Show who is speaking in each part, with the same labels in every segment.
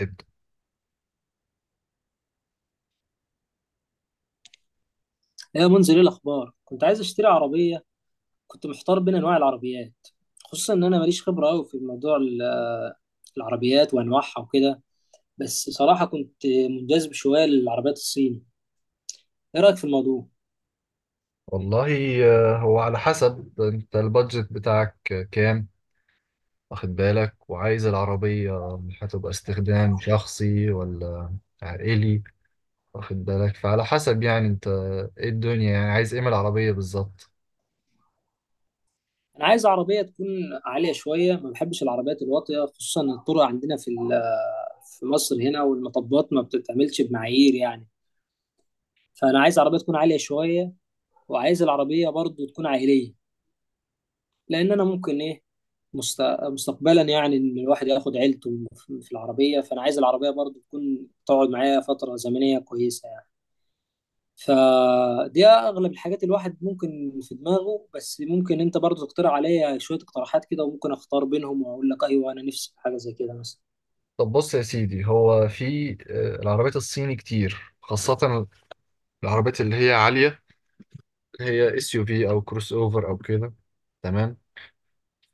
Speaker 1: ابدأ.
Speaker 2: يا منزل، ايه الاخبار؟ كنت عايز اشتري عربيه. كنت محتار بين انواع العربيات، خصوصا ان انا ماليش خبره قوي في موضوع العربيات وانواعها وكده. بس صراحه كنت منجذب شويه للعربيات الصيني. ايه رايك في الموضوع؟
Speaker 1: والله، هو على حسب انت البادجت بتاعك كام؟ واخد بالك، وعايز العربية هتبقى استخدام شخصي ولا عائلي؟ واخد بالك، فعلى حسب يعني انت ايه الدنيا، يعني عايز ايه من العربية بالظبط؟
Speaker 2: انا عايز عربيه تكون عاليه شويه، ما بحبش العربيات الواطيه، خصوصا إن الطرق عندنا في ال- آه، في مصر هنا، والمطبات ما بتتعملش بمعايير يعني. فانا عايز عربيه تكون عاليه شويه، وعايز العربيه برضو تكون عائليه، لان انا ممكن ايه، مستقبلا يعني ان الواحد ياخد عيلته في العربيه. فانا عايز العربيه برضو تكون تقعد معايا فتره زمنيه كويسه يعني. فدي اغلب الحاجات الواحد ممكن في دماغه، بس ممكن انت برضو تقترح عليا شويه اقتراحات كده، وممكن اختار بينهم واقول لك ايوه انا نفسي في حاجه زي كده مثلا.
Speaker 1: طب بص يا سيدي، هو في العربيات الصيني كتير، خاصة العربيات اللي هي عالية، اللي هي اس يو في او كروس اوفر او كده. تمام.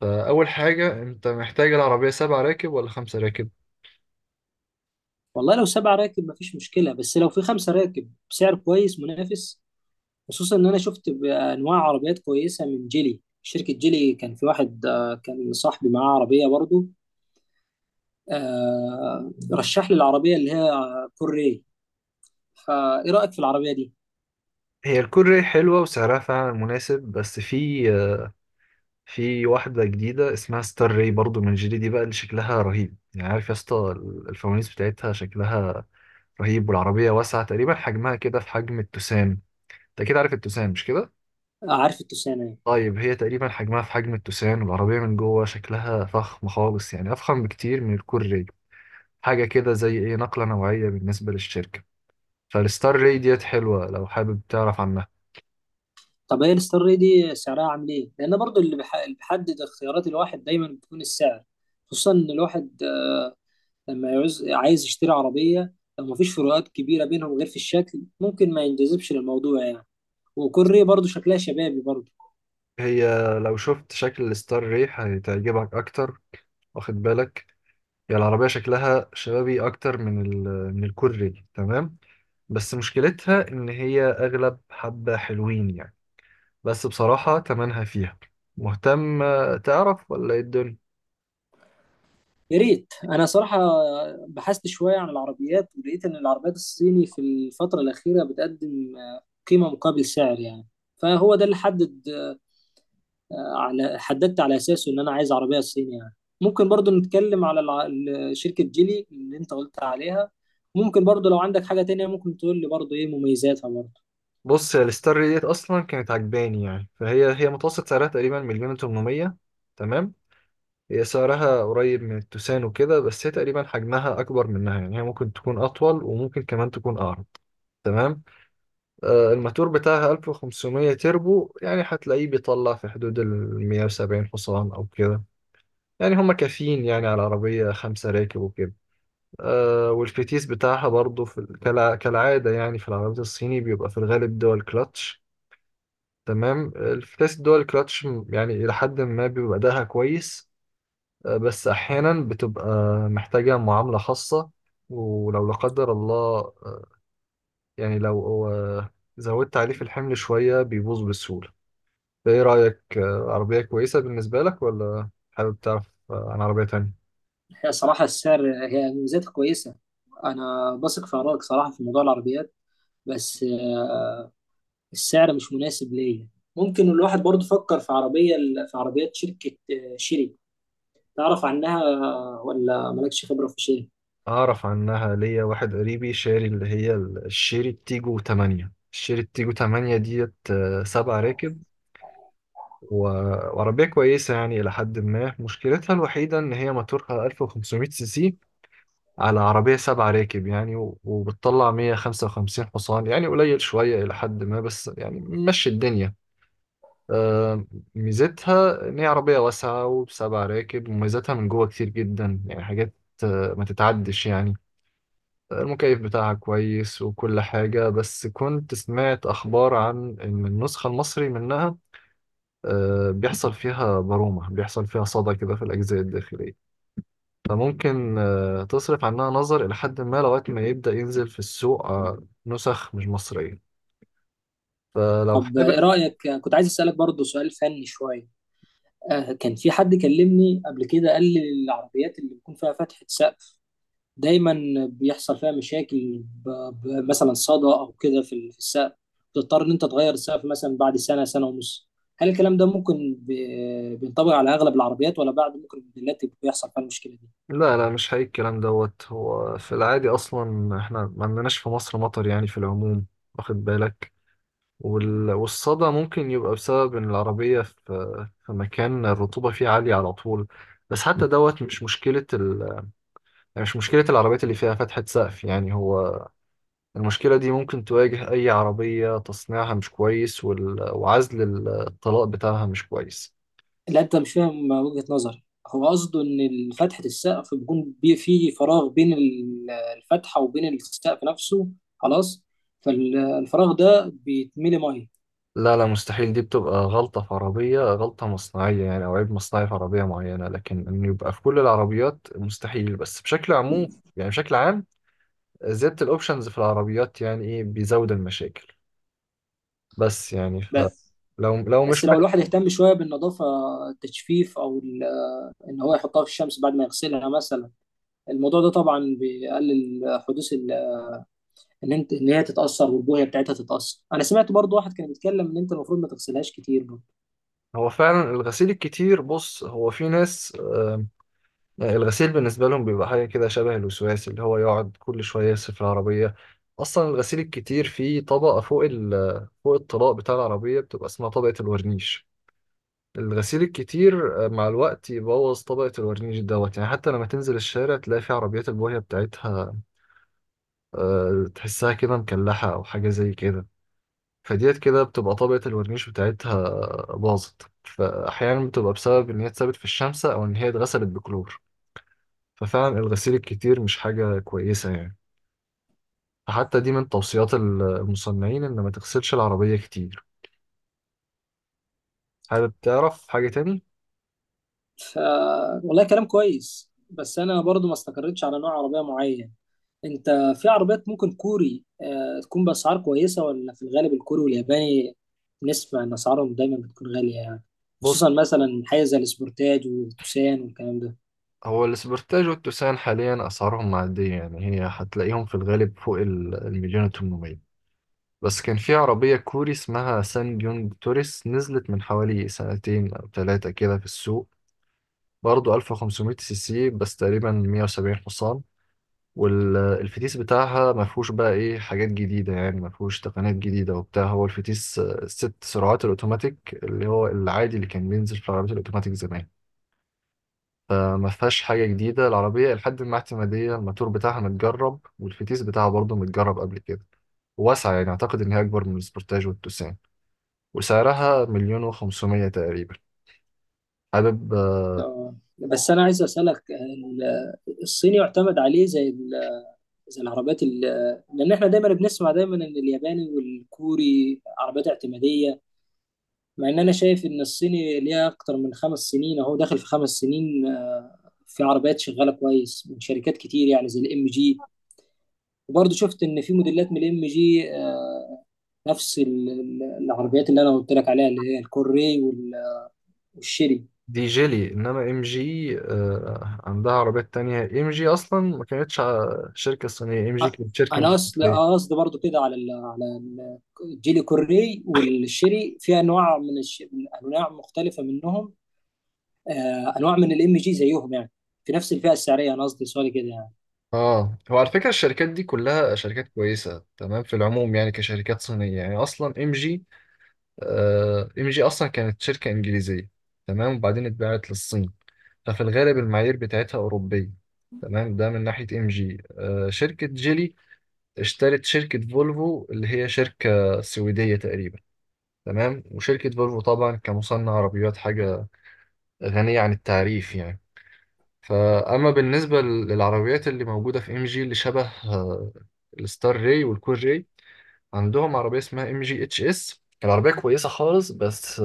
Speaker 1: فأول حاجة، انت محتاج العربية سبع راكب ولا خمسة راكب؟
Speaker 2: والله لو 7 راكب مفيش مشكله، بس لو في 5 راكب بسعر كويس منافس. خصوصا ان انا شفت انواع عربيات كويسه من جيلي. شركه جيلي كان في واحد كان صاحبي معاه عربيه برضو. رشح لي العربية اللي هي كوري. فإيه رأيك في العربية دي؟
Speaker 1: هي الكوري حلوة وسعرها فعلا مناسب. بس في واحدة جديدة اسمها ستار راي، برضو من جيلي. دي بقى اللي شكلها رهيب، يعني عارف يا اسطى. الفوانيس بتاعتها شكلها رهيب، والعربية واسعة، تقريبا حجمها كده في حجم التوسان. انت كده عارف التوسان، مش كده؟
Speaker 2: آه، عارف التوسانة يعني.
Speaker 1: طيب، هي تقريبا حجمها في حجم التوسان، والعربية من جوه شكلها فخم خالص، يعني أفخم بكتير من الكوري. حاجة كده زي ايه نقلة نوعية بالنسبة للشركة. فالستار راي ديت حلوة لو حابب تعرف عنها.
Speaker 2: طب هي الستار ري دي سعرها عامل إيه؟ لأن برضو اللي بيحدد اختيارات الواحد دايما بتكون السعر. خصوصا إن الواحد، لما عايز يشتري عربية، لو مفيش فروقات كبيرة بينهم غير في الشكل، ممكن ما ينجذبش للموضوع يعني. وكوري برضو شكلها شبابي برضو.
Speaker 1: هي لو شفت شكل الستار ريح هتعجبك اكتر، واخد بالك. هي العربيه شكلها شبابي اكتر من الكوري. تمام. بس مشكلتها ان هي اغلب حبه حلوين يعني. بس بصراحه تمنها فيها. مهتم تعرف ولا ايه الدنيا؟
Speaker 2: يا ريت. انا صراحه بحثت شويه عن العربيات، ولقيت ان العربيات الصيني في الفتره الاخيره بتقدم قيمه مقابل سعر يعني. فهو ده اللي حددت على اساسه ان انا عايز عربيه صيني يعني. ممكن برضو نتكلم على شركه جيلي اللي انت قلت عليها. ممكن برضو لو عندك حاجه تانية ممكن تقول لي برضو ايه مميزاتها برضو.
Speaker 1: بص يا، الستار ريح ديت اصلا كانت عجباني يعني، فهي متوسط سعرها تقريبا مليون و800. تمام. هي سعرها قريب من التوسان وكده، بس هي تقريبا حجمها اكبر منها، يعني هي ممكن تكون اطول، وممكن كمان تكون اعرض. تمام. الماتور بتاعها 1500 تربو، يعني هتلاقيه بيطلع في حدود ال 170 حصان أو كده، يعني هما كافيين يعني على عربية خمسة راكب وكده. والفتيس بتاعها برضو في كالعادة، يعني في العربيات الصيني بيبقى في الغالب دول كلاتش. تمام. الفتيس دول كلاتش، يعني إلى حد ما بيبقى أداها كويس. بس أحيانا بتبقى محتاجة معاملة خاصة. ولو لا قدر الله، آه، يعني لو زودت عليه في الحمل شوية بيبوظ بسهولة. ايه رأيك؟ عربية كويسة بالنسبة لك، ولا حابب تعرف عن عربية تانية؟
Speaker 2: هي صراحه السعر. هي مميزاتها كويسه. انا بثق في ارائك صراحه في موضوع العربيات، بس السعر مش مناسب ليا. ممكن الواحد برضه فكر في عربيات شركة شيري. تعرف عنها ولا مالكش خبرة في شيري؟
Speaker 1: أعرف عنها. ليا واحد قريبي شاري اللي هي الشيري تيجو 8 ديت، سبع راكب و- وعربية كويسة يعني إلى حد ما. مشكلتها الوحيدة إن هي موتورها 1500 سي سي على عربية سبع راكب يعني، وبتطلع 155 حصان، يعني قليل شوية إلى حد ما، بس يعني مشي الدنيا. آه، ميزتها إن هي عربية واسعة وبسبع راكب، وميزتها من جوه كتير جدا، يعني حاجات ما تتعدش يعني. المكيف بتاعها كويس وكل حاجة، بس كنت سمعت أخبار عن إن النسخة المصري منها بيحصل فيها برومة، بيحصل فيها صدى كده في الأجزاء الداخلية. فممكن تصرف عنها نظر إلى حد ما، لغاية ما يبدأ ينزل في السوق نسخ مش مصرية، فلو
Speaker 2: طب ايه
Speaker 1: حابب.
Speaker 2: رأيك؟ كنت عايز أسألك برضه سؤال فني شوية. كان في حد كلمني قبل كده قال لي العربيات اللي بيكون فيها فتحة سقف دايما بيحصل فيها مشاكل، مثلا صدى أو كده في السقف. بتضطر إن أنت تغير السقف مثلا بعد سنة سنة ونص. هل الكلام ده ممكن بينطبق على أغلب العربيات، ولا بعد ممكن الموديلات بيحصل فيها المشكلة دي؟
Speaker 1: لا، لا، مش حقيقي الكلام دوت. هو في العادي اصلا احنا ما عندناش في مصر مطر يعني في العموم، واخد بالك. والصدى ممكن يبقى بسبب ان العربية في مكان الرطوبة فيه عالية على طول. بس حتى دوت مش مشكلة يعني مش مشكلة العربيات اللي فيها فتحة سقف، يعني هو المشكلة دي ممكن تواجه أي عربية تصنيعها مش كويس، وعزل الطلاء بتاعها مش كويس.
Speaker 2: لا انت مش فاهم وجهة نظري. هو قصده ان فتحة السقف بيكون في فراغ بين الفتحة وبين السقف نفسه. خلاص. فالفراغ ده بيتملي ميه.
Speaker 1: لا، لا، مستحيل. دي بتبقى غلطة في عربية، غلطة مصنعية يعني، أو عيب مصنعي في عربية معينة، لكن إنه يبقى في كل العربيات مستحيل. بس بشكل عموم يعني، بشكل عام زيادة الأوبشنز في العربيات يعني إيه بيزود المشاكل. بس يعني
Speaker 2: بس
Speaker 1: لو
Speaker 2: بس
Speaker 1: مش
Speaker 2: لو الواحد
Speaker 1: محتاج.
Speaker 2: اهتم شوية بالنظافة، التجفيف، ان هو يحطها في الشمس بعد ما يغسلها مثلا، الموضوع ده طبعا بيقلل حدوث ان هي تتأثر والبوية بتاعتها تتأثر. انا سمعت برضو واحد كان بيتكلم ان انت المفروض ما تغسلهاش كتير.
Speaker 1: هو فعلا الغسيل الكتير. بص، هو في ناس يعني الغسيل بالنسبة لهم بيبقى حاجة كده شبه الوسواس، اللي هو يقعد كل شوية يغسل في العربية. أصلا الغسيل الكتير فيه طبقة فوق الطلاء بتاع العربية، بتبقى اسمها طبقة الورنيش. الغسيل الكتير مع الوقت يبوظ طبقة الورنيش دوت، يعني حتى لما تنزل الشارع تلاقي في عربيات البويه بتاعتها تحسها كده مكلحة أو حاجة زي كده. فديت كده بتبقى طبقة الورنيش بتاعتها باظت، فأحيانا بتبقى بسبب إن هي اتسابت في الشمس أو إن هي اتغسلت بكلور. ففعلا الغسيل الكتير مش حاجة كويسة يعني، فحتى دي من توصيات المصنعين إن ما تغسلش العربية كتير. حابب تعرف حاجة تاني؟
Speaker 2: ف والله كلام كويس، بس انا برضو ما استقريتش على نوع عربيه معين. انت، في عربيات ممكن كوري تكون باسعار كويسه، ولا في الغالب الكوري والياباني نسمع ان اسعارهم دايما بتكون غاليه يعني؟
Speaker 1: بص،
Speaker 2: خصوصا مثلا حاجه زي السبورتاج والتوسان والكلام ده.
Speaker 1: هو الاسبرتاج والتوسان حاليا أسعارهم معدية، يعني هي هتلاقيهم في الغالب فوق المليون وتمنمية. بس كان في عربية كوري اسمها سان بيونج توريس نزلت من حوالي سنتين أو ثلاثة كده في السوق. برضه 1500 سي سي، بس تقريبا 170 حصان. والفتيس بتاعها ما فيهوش بقى ايه حاجات جديدة يعني، ما فيهوش تقنيات جديدة وبتاع. هو الفتيس ست سرعات الأوتوماتيك، اللي هو العادي اللي كان بينزل في العربيات الأوتوماتيك زمان. فما فيهاش حاجة جديدة العربية، لحد ما اعتمادية الماتور بتاعها متجرب، والفتيس بتاعها برضه متجرب قبل كده. واسعة، يعني أعتقد إن هي أكبر من السبورتاج والتوسان، وسعرها مليون وخمسمية تقريبا. حابب
Speaker 2: بس انا عايز اسالك، الصيني يعتمد عليه زي زي العربيات لان احنا دايما بنسمع دايما ان الياباني والكوري عربيات اعتماديه. مع ان انا شايف ان الصيني ليها اكتر من 5 سنين. اهو داخل في 5 سنين، في عربيات شغاله كويس من شركات كتير يعني زي الام جي. وبرضه شفت ان في موديلات من الام جي نفس العربيات اللي انا قلت لك عليها اللي هي الكوري والشيري.
Speaker 1: دي جيلي. إنما إم جي عندها عربيات تانية. إم جي أصلا ما كانتش شركة صينية، إم
Speaker 2: أ-
Speaker 1: جي كانت شركة
Speaker 2: انا اصل
Speaker 1: أمريكية.
Speaker 2: قصدي برضو كده على على الجيل الكوري والشيري. في انواع من انواع مختلفه منهم. انواع من الام جي زيهم يعني، في نفس الفئه السعريه. انا قصدي سؤالي كده يعني.
Speaker 1: اه، هو على فكرة الشركات دي كلها شركات كويسة تمام في العموم، يعني كشركات صينية. يعني أصلا ام جي اصلا كانت شركه انجليزيه. تمام. وبعدين اتباعت للصين، ففي الغالب المعايير بتاعتها اوروبيه. تمام. ده من ناحيه ام جي. شركه جيلي اشترت شركه فولفو اللي هي شركه سويديه تقريبا. تمام. وشركه فولفو طبعا كمصنع عربيات، حاجه غنيه عن التعريف يعني. فاما بالنسبه للعربيات اللي موجوده في ام جي اللي شبه الستار راي والكور راي، عندهم عربيه اسمها ام جي اتش اس. العربيه كويسه خالص، بس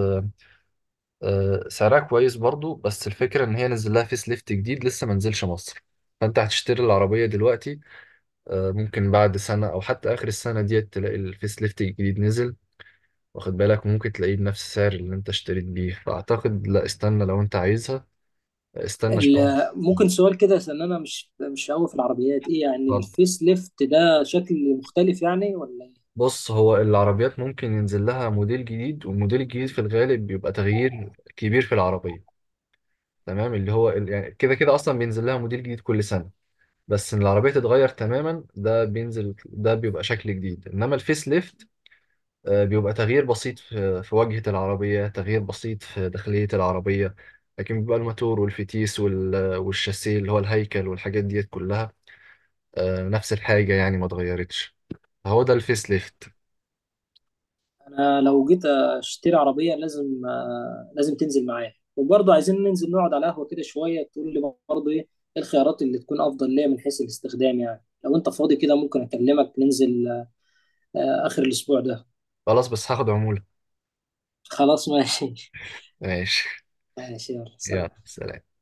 Speaker 1: سعرها كويس برضو. بس الفكرة إن هي نزل لها فيس ليفت جديد لسه ما نزلش مصر. فأنت هتشتري العربية دلوقتي، ممكن بعد سنة أو حتى آخر السنة ديت تلاقي الفيس ليفت الجديد نزل، واخد بالك، ممكن تلاقيه بنفس السعر اللي أنت اشتريت بيه. فأعتقد لا، استنى. لو أنت عايزها استنى شوية.
Speaker 2: ممكن سؤال كده عشان انا مش قوي في العربيات. ايه يعني
Speaker 1: اتفضل.
Speaker 2: الفيس ليفت ده؟ شكل مختلف يعني ولا إيه؟
Speaker 1: بص، هو العربيات ممكن ينزل لها موديل جديد، والموديل الجديد في الغالب بيبقى تغيير كبير في العربية. تمام. اللي هو يعني كده كده أصلا بينزل لها موديل جديد كل سنة. بس ان العربيه تتغير تماما ده بينزل، ده بيبقى شكل جديد. انما الفيس ليفت بيبقى تغيير بسيط في واجهه العربيه، تغيير بسيط في داخليه العربيه. لكن بيبقى الماتور والفتيس والشاسيه اللي هو الهيكل، والحاجات ديت كلها نفس الحاجه يعني، ما اتغيرتش. فهو ده الفيس ليفت.
Speaker 2: انا لو جيت اشتري عربيه لازم، تنزل معايا. وبرضه عايزين ننزل نقعد على قهوه كده شويه تقول لي برضه ايه الخيارات اللي تكون افضل ليا من حيث الاستخدام يعني. لو انت فاضي كده ممكن اكلمك ننزل اخر الاسبوع ده.
Speaker 1: خلاص، بس هاخد عموله.
Speaker 2: خلاص. ماشي.
Speaker 1: ماشي.
Speaker 2: ماشي، يلا
Speaker 1: يلا
Speaker 2: سلام.
Speaker 1: سلام